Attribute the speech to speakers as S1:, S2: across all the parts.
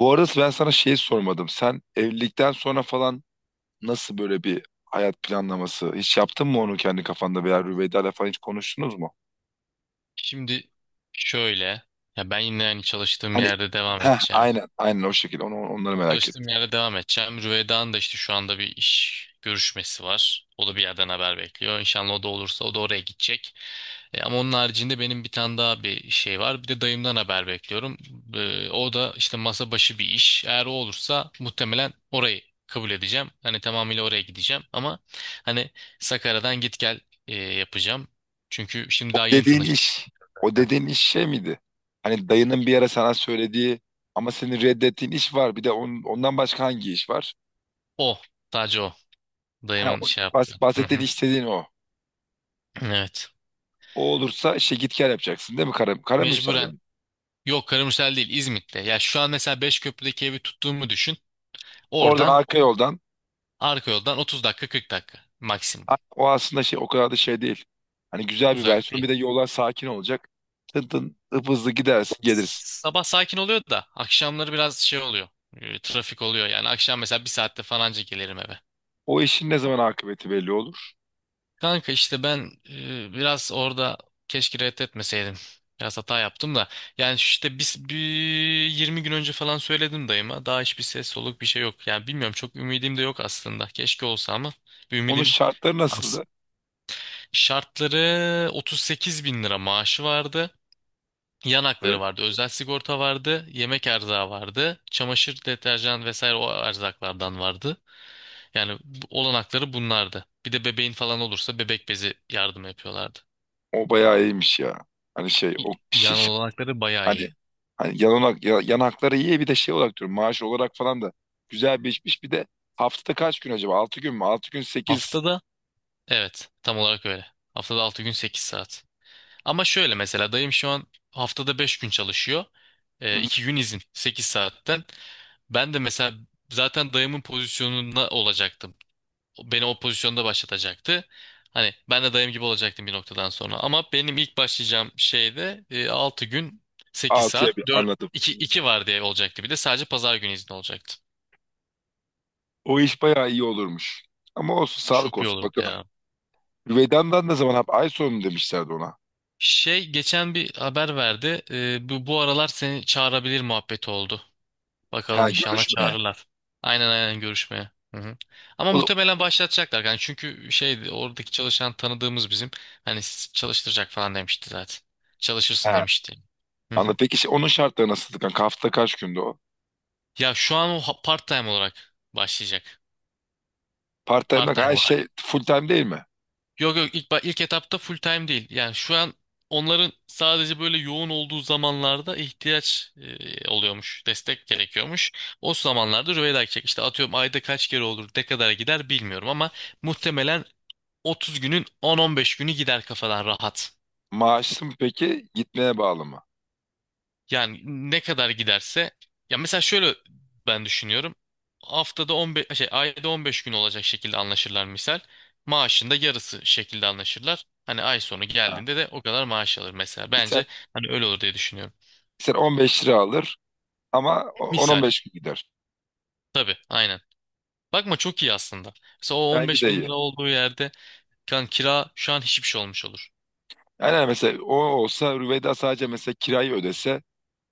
S1: Bu arada ben sana şeyi sormadım. Sen evlilikten sonra falan nasıl böyle bir hayat planlaması? Hiç yaptın mı onu kendi kafanda veya Rüveyda'yla falan hiç konuştunuz mu?
S2: Şimdi şöyle, ya ben yine hani çalıştığım
S1: Hani,
S2: yerde devam edeceğim.
S1: aynen, aynen o şekilde onu, onları merak
S2: Çalıştığım
S1: ettim.
S2: yerde devam edeceğim. Rüvedan da işte şu anda bir iş görüşmesi var. O da bir yerden haber bekliyor. İnşallah o da olursa o da oraya gidecek. Ama onun haricinde benim bir tane daha bir şey var. Bir de dayımdan haber bekliyorum. O da işte masa başı bir iş. Eğer o olursa muhtemelen orayı kabul edeceğim. Hani tamamıyla oraya gideceğim. Ama hani Sakarya'dan git gel yapacağım. Çünkü şimdi
S1: O
S2: daha yeni
S1: dediğin
S2: tanıştık
S1: iş o
S2: zaten.
S1: dediğin iş şey miydi? Hani dayının bir ara sana söylediği ama senin reddettiğin iş var. Bir de ondan başka hangi iş var?
S2: O. Sadece o.
S1: Ha,
S2: Dayımın
S1: o,
S2: şey yaptı. Hı
S1: bahsettiğin
S2: hı.
S1: istediğin o.
S2: Evet.
S1: O olursa işte git gel yapacaksın değil mi? Kara müsaade
S2: Mecburen.
S1: mi?
S2: Yok, Karamisel değil, İzmit'te. Ya şu an mesela Beşköprü'deki evi tuttuğumu düşün.
S1: Oradan
S2: Oradan
S1: arka yoldan.
S2: arka yoldan 30 dakika, 40 dakika maksimum.
S1: O aslında şey o kadar da şey değil. Hani güzel bir
S2: Uzak
S1: versiyon. Bir
S2: değil.
S1: de yollar sakin olacak. Tın tın hızlı gidersin gelirsin.
S2: Sabah sakin oluyor da akşamları biraz şey oluyor. Trafik oluyor yani. Akşam mesela bir saatte falanca gelirim eve.
S1: O işin ne zaman akıbeti belli olur.
S2: Kanka işte ben biraz orada keşke reddetmeseydim. Biraz hata yaptım da. Yani işte biz bir 20 gün önce falan söyledim dayıma. Daha hiçbir ses soluk bir şey yok. Yani bilmiyorum, çok ümidim de yok aslında. Keşke olsa ama bir
S1: Onun
S2: ümidim
S1: şartları
S2: az.
S1: nasıldı?
S2: Şartları 38 bin lira maaşı vardı. Yan
S1: Evet.
S2: hakları vardı. Özel sigorta vardı. Yemek erzağı vardı. Çamaşır, deterjan vesaire o erzaklardan vardı. Yani olanakları bunlardı. Bir de bebeğin falan olursa bebek bezi yardım yapıyorlardı.
S1: O bayağı iyiymiş ya. Hani şey
S2: y-
S1: o şey,
S2: Yan olanakları bayağı
S1: hani
S2: iyi.
S1: hani yanakları iyi, bir de şey olarak diyorum, maaş olarak falan da güzel bir işmiş. Bir de haftada kaç gün acaba? Altı gün mü? 6 gün sekiz?
S2: Haftada evet, tam olarak öyle. Haftada 6 gün 8 saat. Ama şöyle mesela dayım şu an haftada 5 gün çalışıyor. 2 gün izin 8 saatten. Ben de mesela zaten dayımın pozisyonuna olacaktım. Beni o pozisyonda başlatacaktı. Hani ben de dayım gibi olacaktım bir noktadan sonra. Ama benim ilk başlayacağım şeyde 6 gün 8
S1: Altıya bir
S2: saat 4,
S1: anladım.
S2: 2 2 var diye olacaktı, bir de sadece pazar günü izin olacaktı.
S1: O iş bayağı iyi olurmuş. Ama olsun, sağlık
S2: Çok iyi
S1: olsun
S2: olurdu
S1: bakalım.
S2: ya.
S1: Vedan'dan ne zaman? Ay sonu mu demişlerdi ona.
S2: Şey geçen bir haber verdi. Bu aralar seni çağırabilir muhabbeti oldu. Bakalım
S1: Ha,
S2: inşallah
S1: görüşme.
S2: çağırırlar. Aynen aynen, görüşmeye. Hı hı. Ama
S1: O da,
S2: muhtemelen başlatacaklar. Yani çünkü şeydi, oradaki çalışan tanıdığımız bizim. Hani çalıştıracak falan demişti zaten. Çalışırsın
S1: ha,
S2: demişti. Hı hı.
S1: anladım. Peki şey, onun şartları nasıl? Kanka hafta kaç günde o?
S2: Ya şu an o part time olarak başlayacak.
S1: Part time
S2: Part time
S1: her
S2: olarak.
S1: şey full time değil mi?
S2: Yok yok, ilk etapta full time değil. Yani şu an onların sadece böyle yoğun olduğu zamanlarda ihtiyaç oluyormuş. Destek gerekiyormuş. O zamanlarda Rüveyda gidecek. İşte atıyorum ayda kaç kere olur, ne kadar gider bilmiyorum ama muhtemelen 30 günün 10-15 günü gider kafadan rahat.
S1: Maaşlı mı peki? Gitmeye bağlı mı?
S2: Yani ne kadar giderse, ya mesela şöyle ben düşünüyorum. Haftada 15 şey, ayda 15 gün olacak şekilde anlaşırlar misal. Maaşın da yarısı şekilde anlaşırlar. Hani ay sonu
S1: Ha.
S2: geldiğinde de o kadar maaş alır mesela.
S1: Bir sen,
S2: Bence hani öyle olur diye düşünüyorum.
S1: bir sen 15 lira alır ama
S2: Misal,
S1: 10-15 gün gider.
S2: tabii aynen. Bakma, çok iyi aslında. Mesela o
S1: Bence
S2: 15
S1: de
S2: bin
S1: iyi.
S2: lira olduğu yerde kan kira şu an hiçbir şey olmuş olur.
S1: Yani hani mesela o olsa Rüveyda sadece mesela kirayı ödese,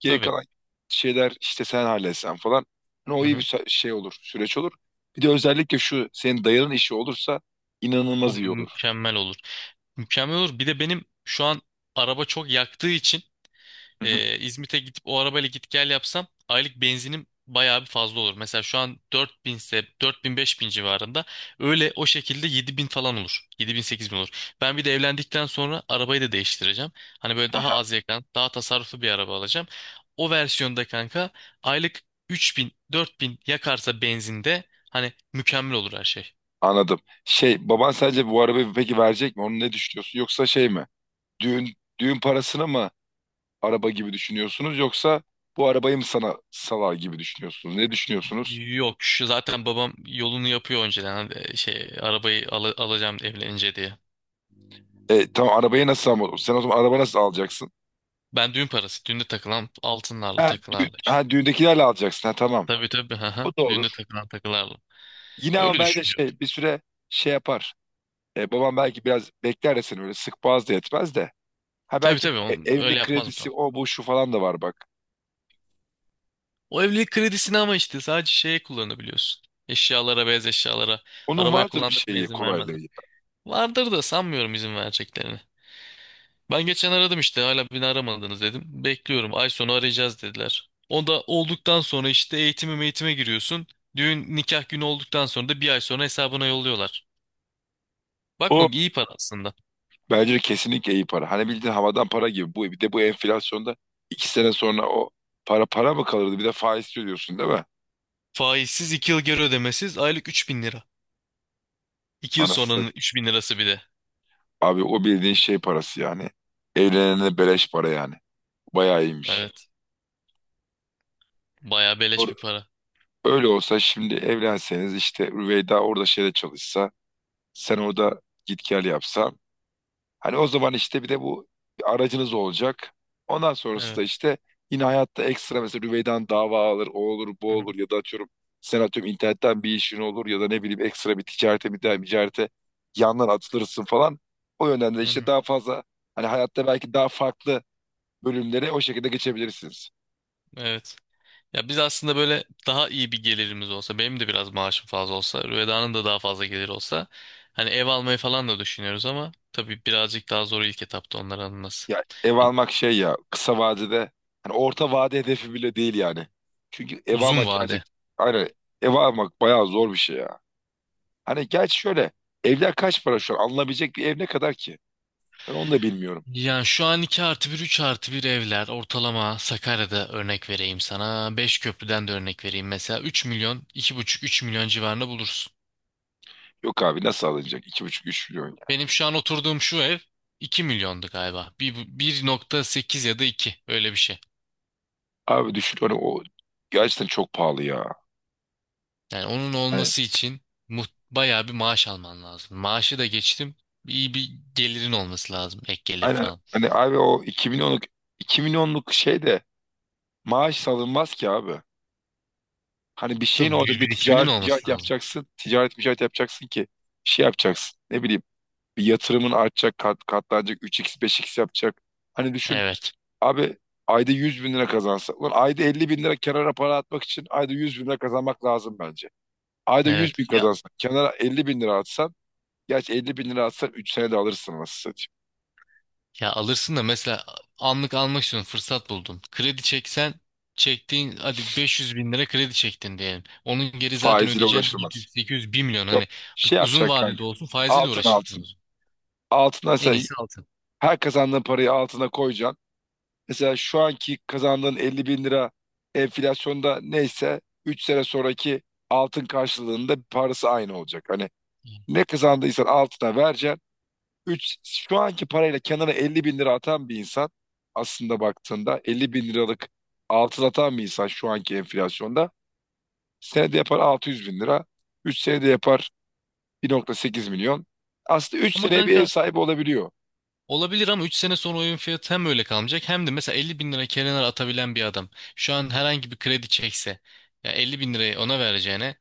S1: geri
S2: Tabii.
S1: kalan şeyler işte sen halletsen falan. Hani o
S2: Hı
S1: iyi bir
S2: hı.
S1: şey olur, süreç olur. Bir de özellikle şu senin dayının işi olursa
S2: O
S1: inanılmaz iyi olur.
S2: mükemmel olur. Mükemmel olur. Bir de benim şu an araba çok yaktığı için
S1: Hı hı.
S2: İzmit'e gidip o arabayla git gel yapsam aylık benzinim bayağı bir fazla olur. Mesela şu an 4.000 ise 4.000 bin beş bin civarında, öyle o şekilde 7000 falan olur. 7.000 bin olur. Ben bir de evlendikten sonra arabayı da değiştireceğim. Hani böyle daha az yakan, daha tasarruflu bir araba alacağım. O versiyonda kanka aylık 3.000 bin yakarsa benzinde hani mükemmel olur her şey.
S1: Anladım. Şey, baban sence bu arabayı peki verecek mi? Onu ne düşünüyorsun? Yoksa şey mi? Düğün Düğün parasını mı araba gibi düşünüyorsunuz, yoksa bu arabayı mı sana salar gibi düşünüyorsunuz? Ne düşünüyorsunuz?
S2: Yok, şu zaten babam yolunu yapıyor önceden hani şey arabayı alacağım evlenince diye.
S1: Tamam arabayı nasıl, ama sen o zaman araba nasıl alacaksın?
S2: Ben düğün parası. Düğünde takılan altınlarla,
S1: Ha,
S2: takılarla işte.
S1: düğündekilerle alacaksın. Ha, tamam.
S2: Tabii tabii, hı
S1: O
S2: hı.
S1: da
S2: Düğünde
S1: olur.
S2: takılan takılarla.
S1: Yine ama
S2: Öyle
S1: bence
S2: düşünüyordu.
S1: şey, bir süre şey yapar. Babam belki biraz bekler de seni öyle sık boğaz da yetmez de. Ha,
S2: Tabii
S1: belki
S2: tabii. Onu öyle
S1: evlilik
S2: yapmaz mı?
S1: kredisi,
S2: Tamam.
S1: o, bu, şu falan da var bak.
S2: O evlilik kredisini ama işte sadece şeye kullanabiliyorsun. Eşyalara, beyaz eşyalara.
S1: Onun
S2: Arabaya
S1: vardır bir
S2: kullandırma,
S1: şeyi,
S2: izin
S1: kolaylığı.
S2: vermezler. Vardır da sanmıyorum izin vereceklerini. Ben geçen aradım işte, hala beni aramadınız dedim. Bekliyorum, ay sonu arayacağız dediler. O da olduktan sonra işte eğitimi eğitime giriyorsun. Düğün nikah günü olduktan sonra da bir ay sonra hesabına yolluyorlar. Bakma,
S1: o
S2: iyi para aslında.
S1: Bence de kesinlikle iyi para. Hani bildiğin havadan para gibi. Bir de bu enflasyonda 2 sene sonra o para mı kalırdı? Bir de faiz ödüyorsun değil mi?
S2: Faizsiz, 2 yıl geri ödemesiz, aylık 3 bin lira. 2 yıl
S1: Anasını
S2: sonranın
S1: satayım.
S2: 3 bin lirası bir de.
S1: Abi, o bildiğin şey parası yani. Evlenene beleş para yani. Bayağı iyiymiş.
S2: Evet. Bayağı beleş
S1: Or-
S2: bir para.
S1: Öyle olsa şimdi evlenseniz, işte Rüveyda orada şeyde çalışsa, sen orada git gel yapsa. Hani o zaman işte bir de bu, bir aracınız olacak. Ondan sonrası da
S2: Evet.
S1: işte yine hayatta ekstra, mesela Rüvey'den dava alır, o olur, bu
S2: Hı hı,
S1: olur, ya da atıyorum sen atıyorum internetten bir işin olur, ya da ne bileyim ekstra bir ticarete, bir daha ticarete yandan atılırsın falan. O yönden de
S2: hı
S1: işte
S2: hı.
S1: daha fazla, hani hayatta belki daha farklı bölümlere o şekilde geçebilirsiniz.
S2: Evet. Ya biz aslında böyle daha iyi bir gelirimiz olsa, benim de biraz maaşım fazla olsa, Rüveda'nın da daha fazla gelir olsa, hani ev almayı falan da düşünüyoruz ama tabii birazcık daha zor ilk etapta onları alınması.
S1: Ya, ev
S2: Yani
S1: almak şey, ya kısa vadede, hani orta vade hedefi bile değil yani. Çünkü ev
S2: uzun
S1: almak
S2: vade.
S1: gerçekten, aynen, ev almak bayağı zor bir şey ya. Hani gerçi şöyle, evler kaç para şu an, alınabilecek bir ev ne kadar ki? Ben onu da bilmiyorum.
S2: Yani şu an 2 artı bir, 3 artı bir evler ortalama Sakarya'da örnek vereyim sana. Beşköprü'den de örnek vereyim. Mesela 3 milyon, iki buçuk 3 milyon civarında bulursun.
S1: Yok abi, nasıl alınacak? İki buçuk, üç milyon, ya.
S2: Benim şu an oturduğum şu ev 2 milyondu galiba. 1,8 ya da iki, öyle bir şey.
S1: Abi, düşün hani, o gerçekten çok pahalı ya.
S2: Yani onun
S1: Hani,
S2: olması için mu- bayağı bir maaş alman lazım. Maaşı da geçtim. İyi bir gelirin olması lazım. Ek gelir
S1: aynen.
S2: falan.
S1: Hani abi, o iki milyonluk şey de maaş alınmaz ki abi. Hani bir şeyin,
S2: Tabii
S1: orada
S2: bir
S1: bir
S2: birikiminin
S1: ticaret
S2: olması
S1: ticaret
S2: lazım.
S1: yapacaksın. Ticaret ticaret yapacaksın ki şey yapacaksın. Ne bileyim, bir yatırımın artacak, katlanacak, üç x beş x yapacak. Hani düşün
S2: Evet.
S1: abi, ayda 100 bin lira kazansa. Ulan, ayda 50 bin lira kenara para atmak için ayda 100 bin lira kazanmak lazım bence. Ayda 100
S2: Evet.
S1: bin kazansan, kenara 50 bin lira atsan. Gerçi 50 bin lira atsan 3 senede alırsın, nasıl satayım.
S2: Ya alırsın da, mesela anlık almak istiyorsun, fırsat buldun. Kredi çeksen çektiğin, hadi 500 bin lira kredi çektin diyelim. Onun geri zaten
S1: Faiziyle
S2: ödeyeceksin
S1: uğraşılmaz.
S2: 700, 800, 1 milyon,
S1: Yok,
S2: hani
S1: şey
S2: uzun
S1: yapacak
S2: vadede
S1: kanka.
S2: olsun faiziyle
S1: Altın, altın.
S2: uğraşırsınız.
S1: Altına,
S2: En
S1: sen
S2: iyisi altın.
S1: her kazandığın parayı altına koyacaksın. Mesela şu anki kazandığın 50 bin lira, enflasyonda neyse 3 sene sonraki altın karşılığında parası aynı olacak. Hani ne kazandıysan altına vereceksin. Şu anki parayla kenara 50 bin lira atan bir insan, aslında baktığında 50 bin liralık altın atan bir insan, şu anki enflasyonda senede yapar 600 bin lira. 3 senede yapar 1,8 milyon. Aslında 3
S2: Ama
S1: seneye bir ev
S2: kanka
S1: sahibi olabiliyor.
S2: olabilir, ama üç sene sonra oyun fiyatı hem öyle kalmayacak hem de mesela 50 bin lira kenara atabilen bir adam şu an herhangi bir kredi çekse, ya 50 bin lirayı ona vereceğine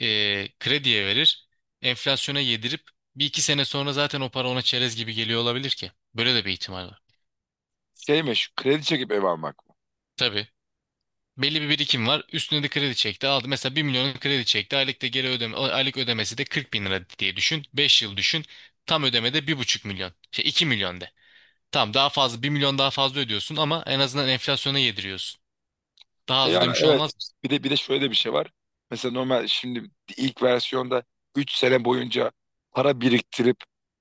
S2: krediye verir, enflasyona yedirip bir iki sene sonra zaten o para ona çerez gibi geliyor olabilir ki. Böyle de bir ihtimal var.
S1: Şey, meşhur kredi çekip ev almak.
S2: Tabii. Belli bir birikim var. Üstüne de kredi çekti. Aldı. Mesela 1 milyon kredi çekti. Aylık da geri ödeme, aylık ödemesi de 40 bin lira diye düşün. Beş yıl düşün. Tam ödemede 1,5 milyon. Şey, 2 milyon de. Tamam, daha fazla 1 milyon daha fazla ödüyorsun ama en azından enflasyona yediriyorsun. Daha az
S1: Yani
S2: ödemiş
S1: evet.
S2: olmaz mısın?
S1: Bir de şöyle bir şey var. Mesela normal şimdi ilk versiyonda 3 sene boyunca para biriktirip,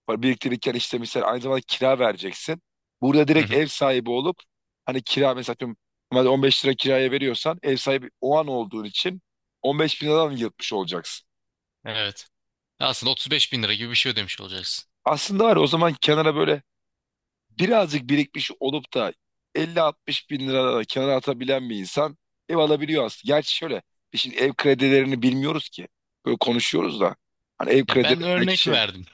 S1: para biriktirirken işte mesela aynı zamanda kira vereceksin. Burada
S2: Hı
S1: direkt
S2: hı.
S1: ev sahibi olup, hani kira mesela atıyorum, normalde 15 lira kiraya veriyorsan, ev sahibi o an olduğun için 15 bin liradan yırtmış olacaksın.
S2: Evet. Aslında 35 bin lira gibi bir şey ödemiş olacaksın.
S1: Aslında var ya, o zaman kenara böyle birazcık birikmiş olup da 50-60 bin lira da kenara atabilen bir insan ev alabiliyor aslında. Gerçi şöyle, biz şimdi ev kredilerini bilmiyoruz ki. Böyle konuşuyoruz da. Hani ev
S2: Ya
S1: kredileri
S2: ben
S1: belki
S2: örnek
S1: şey,
S2: verdim.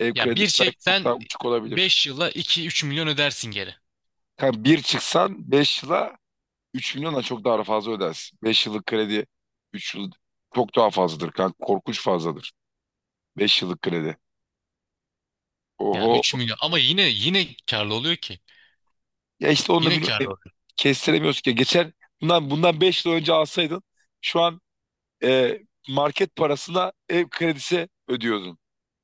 S1: ev
S2: Ya
S1: kredileri belki çok
S2: 1.80
S1: daha uçuk olabilir.
S2: beş yıla iki üç milyon ödersin geri.
S1: Yani bir çıksan 5 yıla 3 milyona çok daha fazla ödersin. 5 yıllık kredi, 3 yıl çok daha fazladır. Kanka korkunç fazladır. 5 yıllık kredi.
S2: Yani
S1: Oho.
S2: 3 milyon ama yine yine karlı oluyor ki.
S1: Ya işte onu da
S2: Yine
S1: bilmiyorum.
S2: karlı oluyor.
S1: Kestiremiyoruz ki. Geçen bundan 5 yıl önce alsaydın, şu an e, market parasına ev kredisi ödüyordun.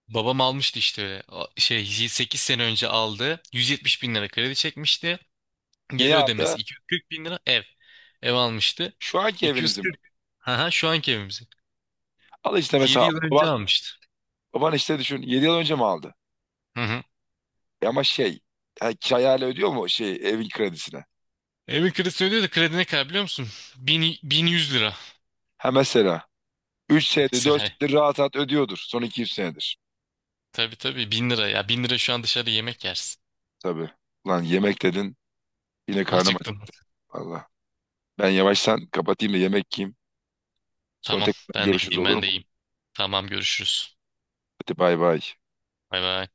S2: Babam almıştı işte öyle. O şey 8 sene önce aldı. 170 bin lira kredi çekmişti. Geri
S1: Niye aldı?
S2: ödemesi 240 bin lira ev. Ev almıştı.
S1: Şu anki evinizi mi?
S2: 240. Haha, şu anki evimizi.
S1: Al işte
S2: 7
S1: mesela,
S2: yıl önce
S1: baban,
S2: almıştı.
S1: baban işte düşün, 7 yıl önce mi aldı?
S2: Hı hı.
S1: Ama şey, yani kirayla ödüyor mu şey, evin kredisine?
S2: Evin kredisini ödüyor da kredi ne kadar biliyor musun? Bin 1.100 lira
S1: Ha, mesela üç senedir 4
S2: mesela.
S1: senedir rahat rahat ödüyordur. Son iki, 3 senedir.
S2: Tabii tabii, 1000 lira ya. Bin lira şu an dışarıda yemek yersin.
S1: Tabii. Lan, yemek dedin, yine karnım aç.
S2: Acıktın.
S1: Allah. Ben yavaştan kapatayım da yemek yiyeyim. Sonra
S2: Tamam,
S1: tekrar
S2: ben de
S1: görüşürüz,
S2: gideyim,
S1: olur
S2: ben
S1: mu?
S2: de iyiyim. Tamam, görüşürüz.
S1: Hadi, bay bay.
S2: Bay bay.